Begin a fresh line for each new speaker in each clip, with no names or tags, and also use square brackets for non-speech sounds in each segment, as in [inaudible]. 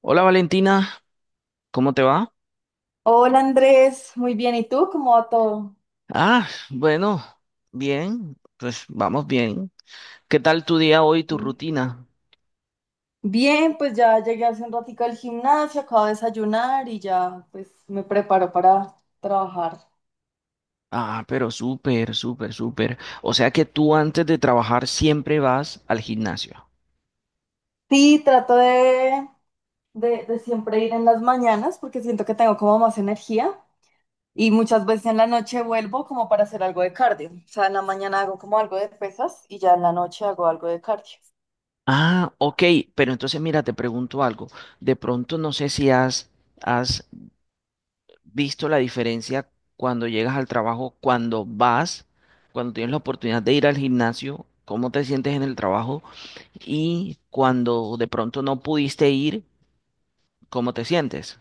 Hola Valentina, ¿cómo te va?
Hola Andrés, muy bien. ¿Y tú? ¿Cómo va todo?
Ah, bueno, bien, pues vamos bien. ¿Qué tal tu día hoy, tu
Mm.
rutina?
Bien, pues ya llegué hace un ratico al gimnasio, acabo de desayunar y ya pues me preparo para trabajar.
Ah, pero súper, súper, súper. O sea que tú antes de trabajar siempre vas al gimnasio.
Sí, trato de siempre ir en las mañanas porque siento que tengo como más energía y muchas veces en la noche vuelvo como para hacer algo de cardio. O sea, en la mañana hago como algo de pesas y ya en la noche hago algo de cardio.
Ah, ok, pero entonces mira, te pregunto algo. De pronto no sé si has visto la diferencia cuando llegas al trabajo, cuando vas, cuando tienes la oportunidad de ir al gimnasio, ¿cómo te sientes en el trabajo y cuando de pronto no pudiste ir, cómo te sientes?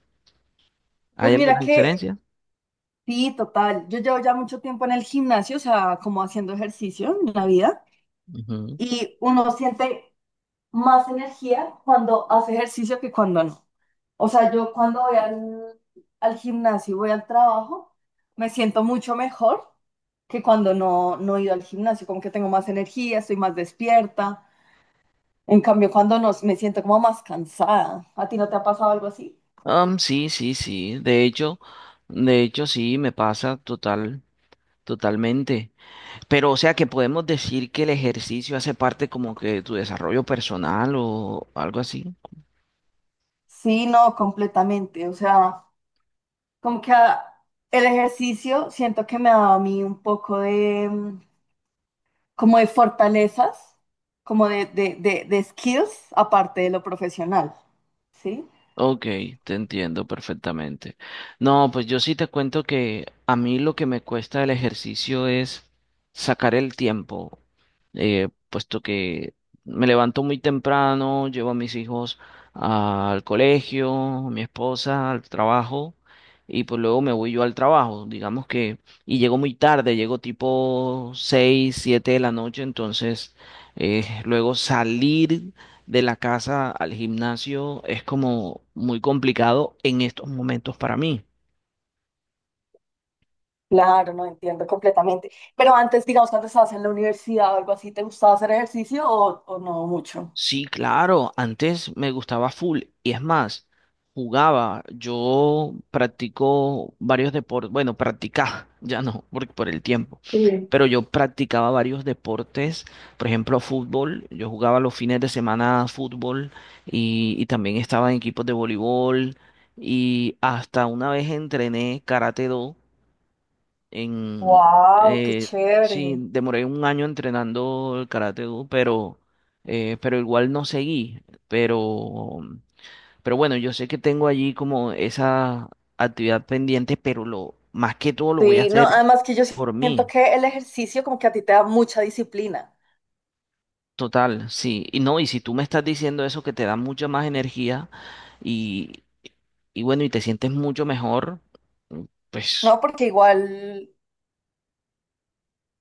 Pues
¿Hay
mira
alguna
que
diferencia?
sí, total. Yo llevo ya mucho tiempo en el gimnasio, o sea, como haciendo ejercicio en la vida.
Ujú.
Y uno siente más energía cuando hace ejercicio que cuando no. O sea, yo cuando voy al gimnasio y voy al trabajo, me siento mucho mejor que cuando no he ido al gimnasio, como que tengo más energía, estoy más despierta. En cambio, cuando no, me siento como más cansada. ¿A ti no te ha pasado algo así?
Sí, sí, sí. De hecho, sí, me pasa total, totalmente. Pero o sea que podemos decir que el ejercicio hace parte como que de tu desarrollo personal o algo así.
Sí, no, completamente. O sea, como que el ejercicio siento que me da a mí un poco de, como de fortalezas, como de skills, aparte de lo profesional, ¿sí?
Ok, te entiendo perfectamente. No, pues yo sí te cuento que a mí lo que me cuesta el ejercicio es sacar el tiempo, puesto que me levanto muy temprano, llevo a mis hijos al colegio, mi esposa al trabajo, y pues luego me voy yo al trabajo, digamos que, y llego muy tarde, llego tipo 6 7 de la noche. Entonces, luego salir de la casa al gimnasio es como muy complicado en estos momentos para mí.
Claro, no entiendo completamente. Pero antes, digamos, cuando estabas en la universidad o algo así, ¿te gustaba hacer ejercicio o no mucho?
Sí, claro, antes me gustaba full y es más, jugaba, yo practico varios deportes, bueno, practicaba, [laughs] ya no, porque por el tiempo,
Sí.
pero yo practicaba varios deportes, por ejemplo, fútbol, yo jugaba los fines de semana fútbol, y también estaba en equipos de voleibol y hasta una vez entrené karate do en,
Wow, qué
eh, sí,
chévere.
demoré un año entrenando el Karate Do, pero igual no seguí. Pero, pero bueno, yo sé que tengo allí como esa actividad pendiente, pero, más que todo lo voy a
Sí, no,
hacer
además que yo
por
siento
mí.
que el ejercicio como que a ti te da mucha disciplina,
Total, sí. Y no, y si tú me estás diciendo eso que te da mucha más energía y, y bueno, y te sientes mucho mejor, pues.
¿no? Porque igual,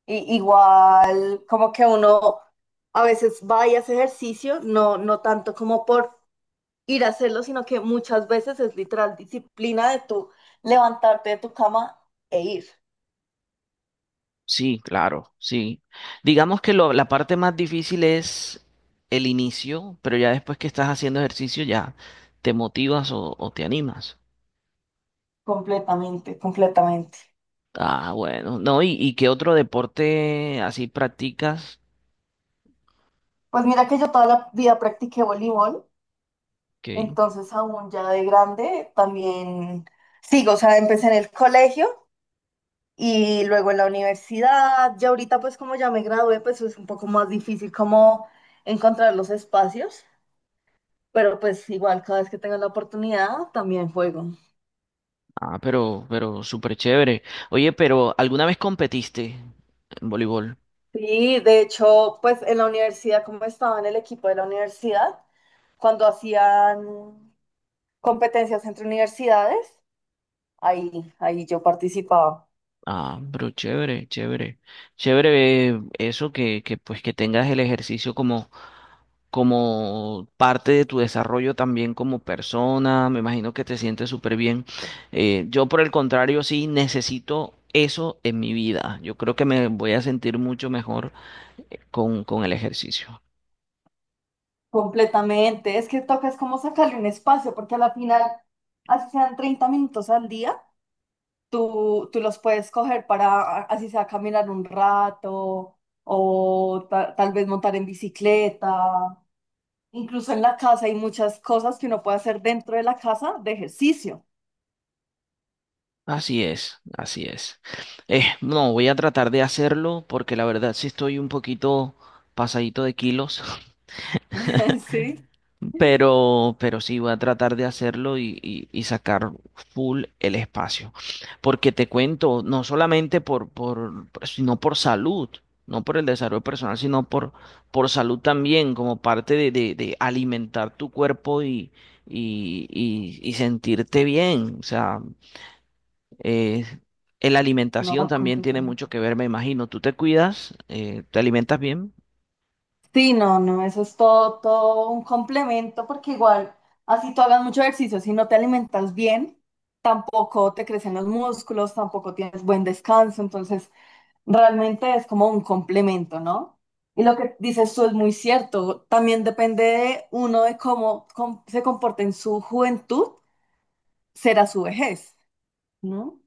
igual como que uno a veces va y hace ejercicio, no, no tanto como por ir a hacerlo, sino que muchas veces es literal disciplina de tu levantarte de tu cama e ir.
Sí, claro, sí. Digamos que la parte más difícil es el inicio, pero ya después que estás haciendo ejercicio ya te motivas o te animas.
Completamente, completamente.
Ah, bueno, no, ¿y qué otro deporte así practicas?
Pues mira que yo toda la vida practiqué voleibol,
Ok.
entonces aún ya de grande también sigo, o sea, empecé en el colegio y luego en la universidad, ya ahorita pues como ya me gradué, pues es un poco más difícil como encontrar los espacios, pero pues igual cada vez que tengo la oportunidad también juego.
Ah, pero súper chévere. Oye, pero ¿alguna vez competiste en voleibol?
Sí, de hecho, pues en la universidad, como estaba en el equipo de la universidad, cuando hacían competencias entre universidades, ahí, ahí yo participaba
Ah, pero chévere, chévere. Chévere, eso que pues que tengas el ejercicio como parte de tu desarrollo también como persona, me imagino que te sientes súper bien. Yo por el contrario, sí necesito eso en mi vida. Yo creo que me voy a sentir mucho mejor con el ejercicio.
completamente. Es que toca es como sacarle un espacio, porque a la final, así sean 30 minutos al día, tú los puedes coger para, así sea, caminar un rato o tal vez montar en bicicleta. Incluso en la casa hay muchas cosas que uno puede hacer dentro de la casa de ejercicio.
Así es, así es. No, voy a tratar de hacerlo porque la verdad sí estoy un poquito pasadito de kilos.
[laughs] Sí,
Pero sí voy a tratar de hacerlo y sacar full el espacio. Porque te cuento, no solamente sino por salud, no por el desarrollo personal, sino por salud también, como parte de alimentar tu cuerpo y sentirte bien. O sea, eh, la
no,
alimentación también tiene
completamente.
mucho que ver, me imagino. ¿Tú te cuidas? Te alimentas bien?
Sí, no, eso es todo, todo un complemento porque igual, así tú hagas mucho ejercicio, si no te alimentas bien, tampoco te crecen los músculos, tampoco tienes buen descanso, entonces realmente es como un complemento, ¿no? Y lo que dices tú es muy cierto, también depende de uno de cómo se comporta en su juventud, será su vejez, ¿no?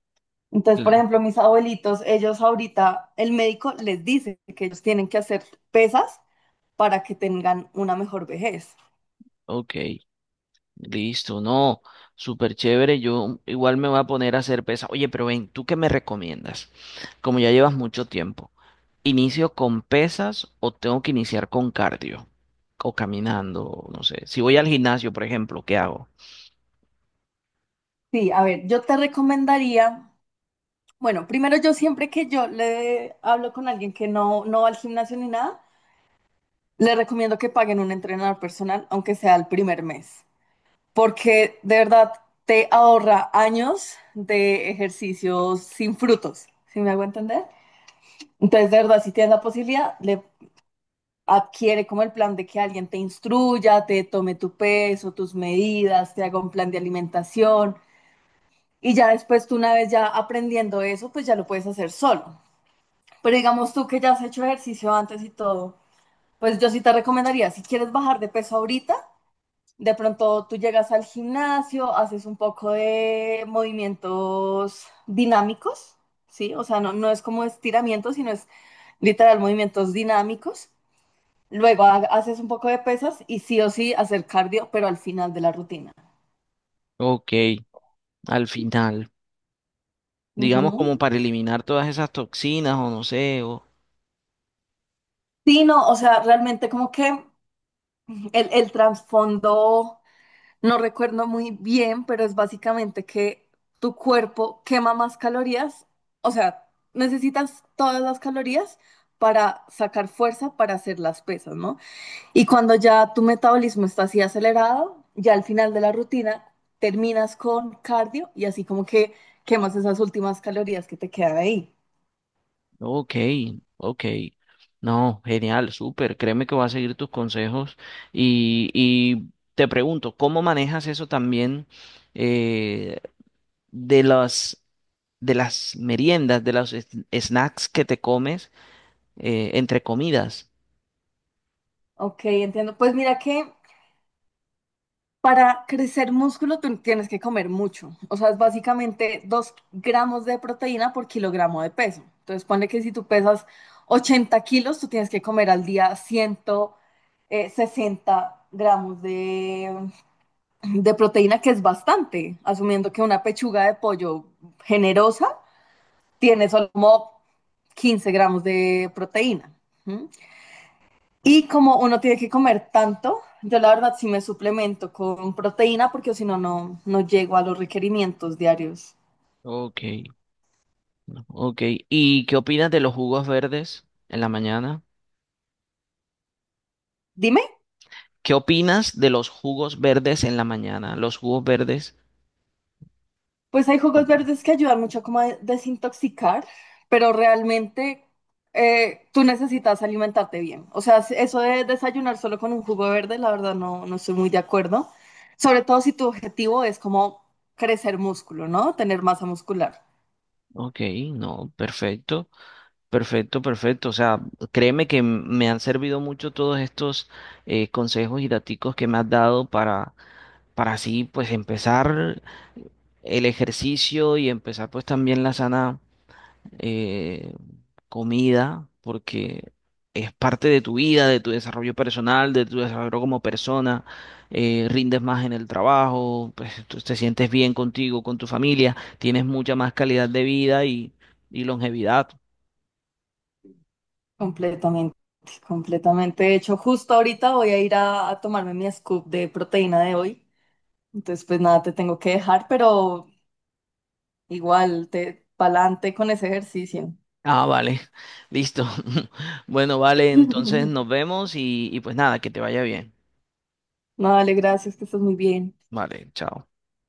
Entonces, por
Claro.
ejemplo, mis abuelitos, ellos ahorita, el médico les dice que ellos tienen que hacer pesas para que tengan una mejor vejez.
Ok. Listo, no, súper chévere. Yo igual me voy a poner a hacer pesas. Oye, pero ven, ¿tú qué me recomiendas? Como ya llevas mucho tiempo, ¿inicio con pesas o tengo que iniciar con cardio? O caminando, no sé. Si voy al gimnasio, por ejemplo, ¿qué hago?
Sí, a ver, yo te recomendaría, bueno, primero yo siempre que yo le hablo con alguien que no va al gimnasio ni nada, le recomiendo que paguen un entrenador personal, aunque sea el primer mes, porque de verdad te ahorra años de ejercicios sin frutos, ¿sí me hago entender? Entonces, de verdad, si tienes la posibilidad, le adquiere como el plan de que alguien te instruya, te tome tu peso, tus medidas, te haga un plan de alimentación y ya después tú una vez ya aprendiendo eso, pues ya lo puedes hacer solo. Pero digamos tú que ya has hecho ejercicio antes y todo, pues yo sí te recomendaría, si quieres bajar de peso ahorita, de pronto tú llegas al gimnasio, haces un poco de movimientos dinámicos, ¿sí? O sea, no, no es como estiramiento, sino es literal movimientos dinámicos. Luego haces un poco de pesas y sí o sí hacer cardio, pero al final de la rutina.
Ok, al final, digamos
Ujú.
como para eliminar todas esas toxinas o no sé, o.
Sí, no, o sea, realmente como que el trasfondo no recuerdo muy bien, pero es básicamente que tu cuerpo quema más calorías, o sea, necesitas todas las calorías para sacar fuerza para hacer las pesas, ¿no? Y cuando ya tu metabolismo está así acelerado, ya al final de la rutina terminas con cardio y así como que quemas esas últimas calorías que te quedan ahí.
Ok, ok. No, genial, súper. Créeme que voy a seguir tus consejos. Y te pregunto, ¿cómo manejas eso también, eh, de las, de las meriendas, de los snacks que te comes entre comidas?
Ok, entiendo. Pues mira que para crecer músculo tú tienes que comer mucho. O sea, es básicamente 2 gramos de proteína por kilogramo de peso. Entonces, ponle que si tú pesas 80 kilos, tú tienes que comer al día ciento sesenta gramos de proteína que es bastante, asumiendo que una pechuga de pollo generosa tiene solo como 15 gramos de proteína. ¿Mm? Y como uno tiene que comer tanto, yo la verdad sí me suplemento con proteína porque si no, no llego a los requerimientos diarios.
Ok, no, ok. ¿Y qué opinas de los jugos verdes en la mañana?
Dime.
¿Qué opinas de los jugos verdes en la mañana? Los jugos verdes.
Pues hay jugos verdes que ayudan mucho como a desintoxicar, pero realmente tú necesitas alimentarte bien. O sea, si- eso de desayunar solo con un jugo verde, la verdad no estoy muy de acuerdo. Sobre todo si tu objetivo es como crecer músculo, ¿no? Tener masa muscular.
Ok, no, perfecto. Perfecto, perfecto. O sea, créeme que me han servido mucho todos estos consejos y daticos que me has dado para, así pues empezar el ejercicio y empezar pues también la sana eh, comida, porque es parte de tu vida, de tu desarrollo personal, de tu desarrollo como persona. Rindes más en el trabajo, pues tú te sientes bien contigo, con tu familia, tienes mucha más calidad de vida y longevidad.
Completamente, completamente. De hecho, justo ahorita voy a ir a tomarme mi scoop de proteína de hoy. Entonces, pues nada, te tengo que dejar, pero igual, te pa'lante con ese ejercicio.
Ah, vale. Listo. [laughs] Bueno, vale, entonces
[laughs]
nos vemos y pues nada, que te vaya bien.
No, dale, gracias, que estás muy bien.
Vale, chao.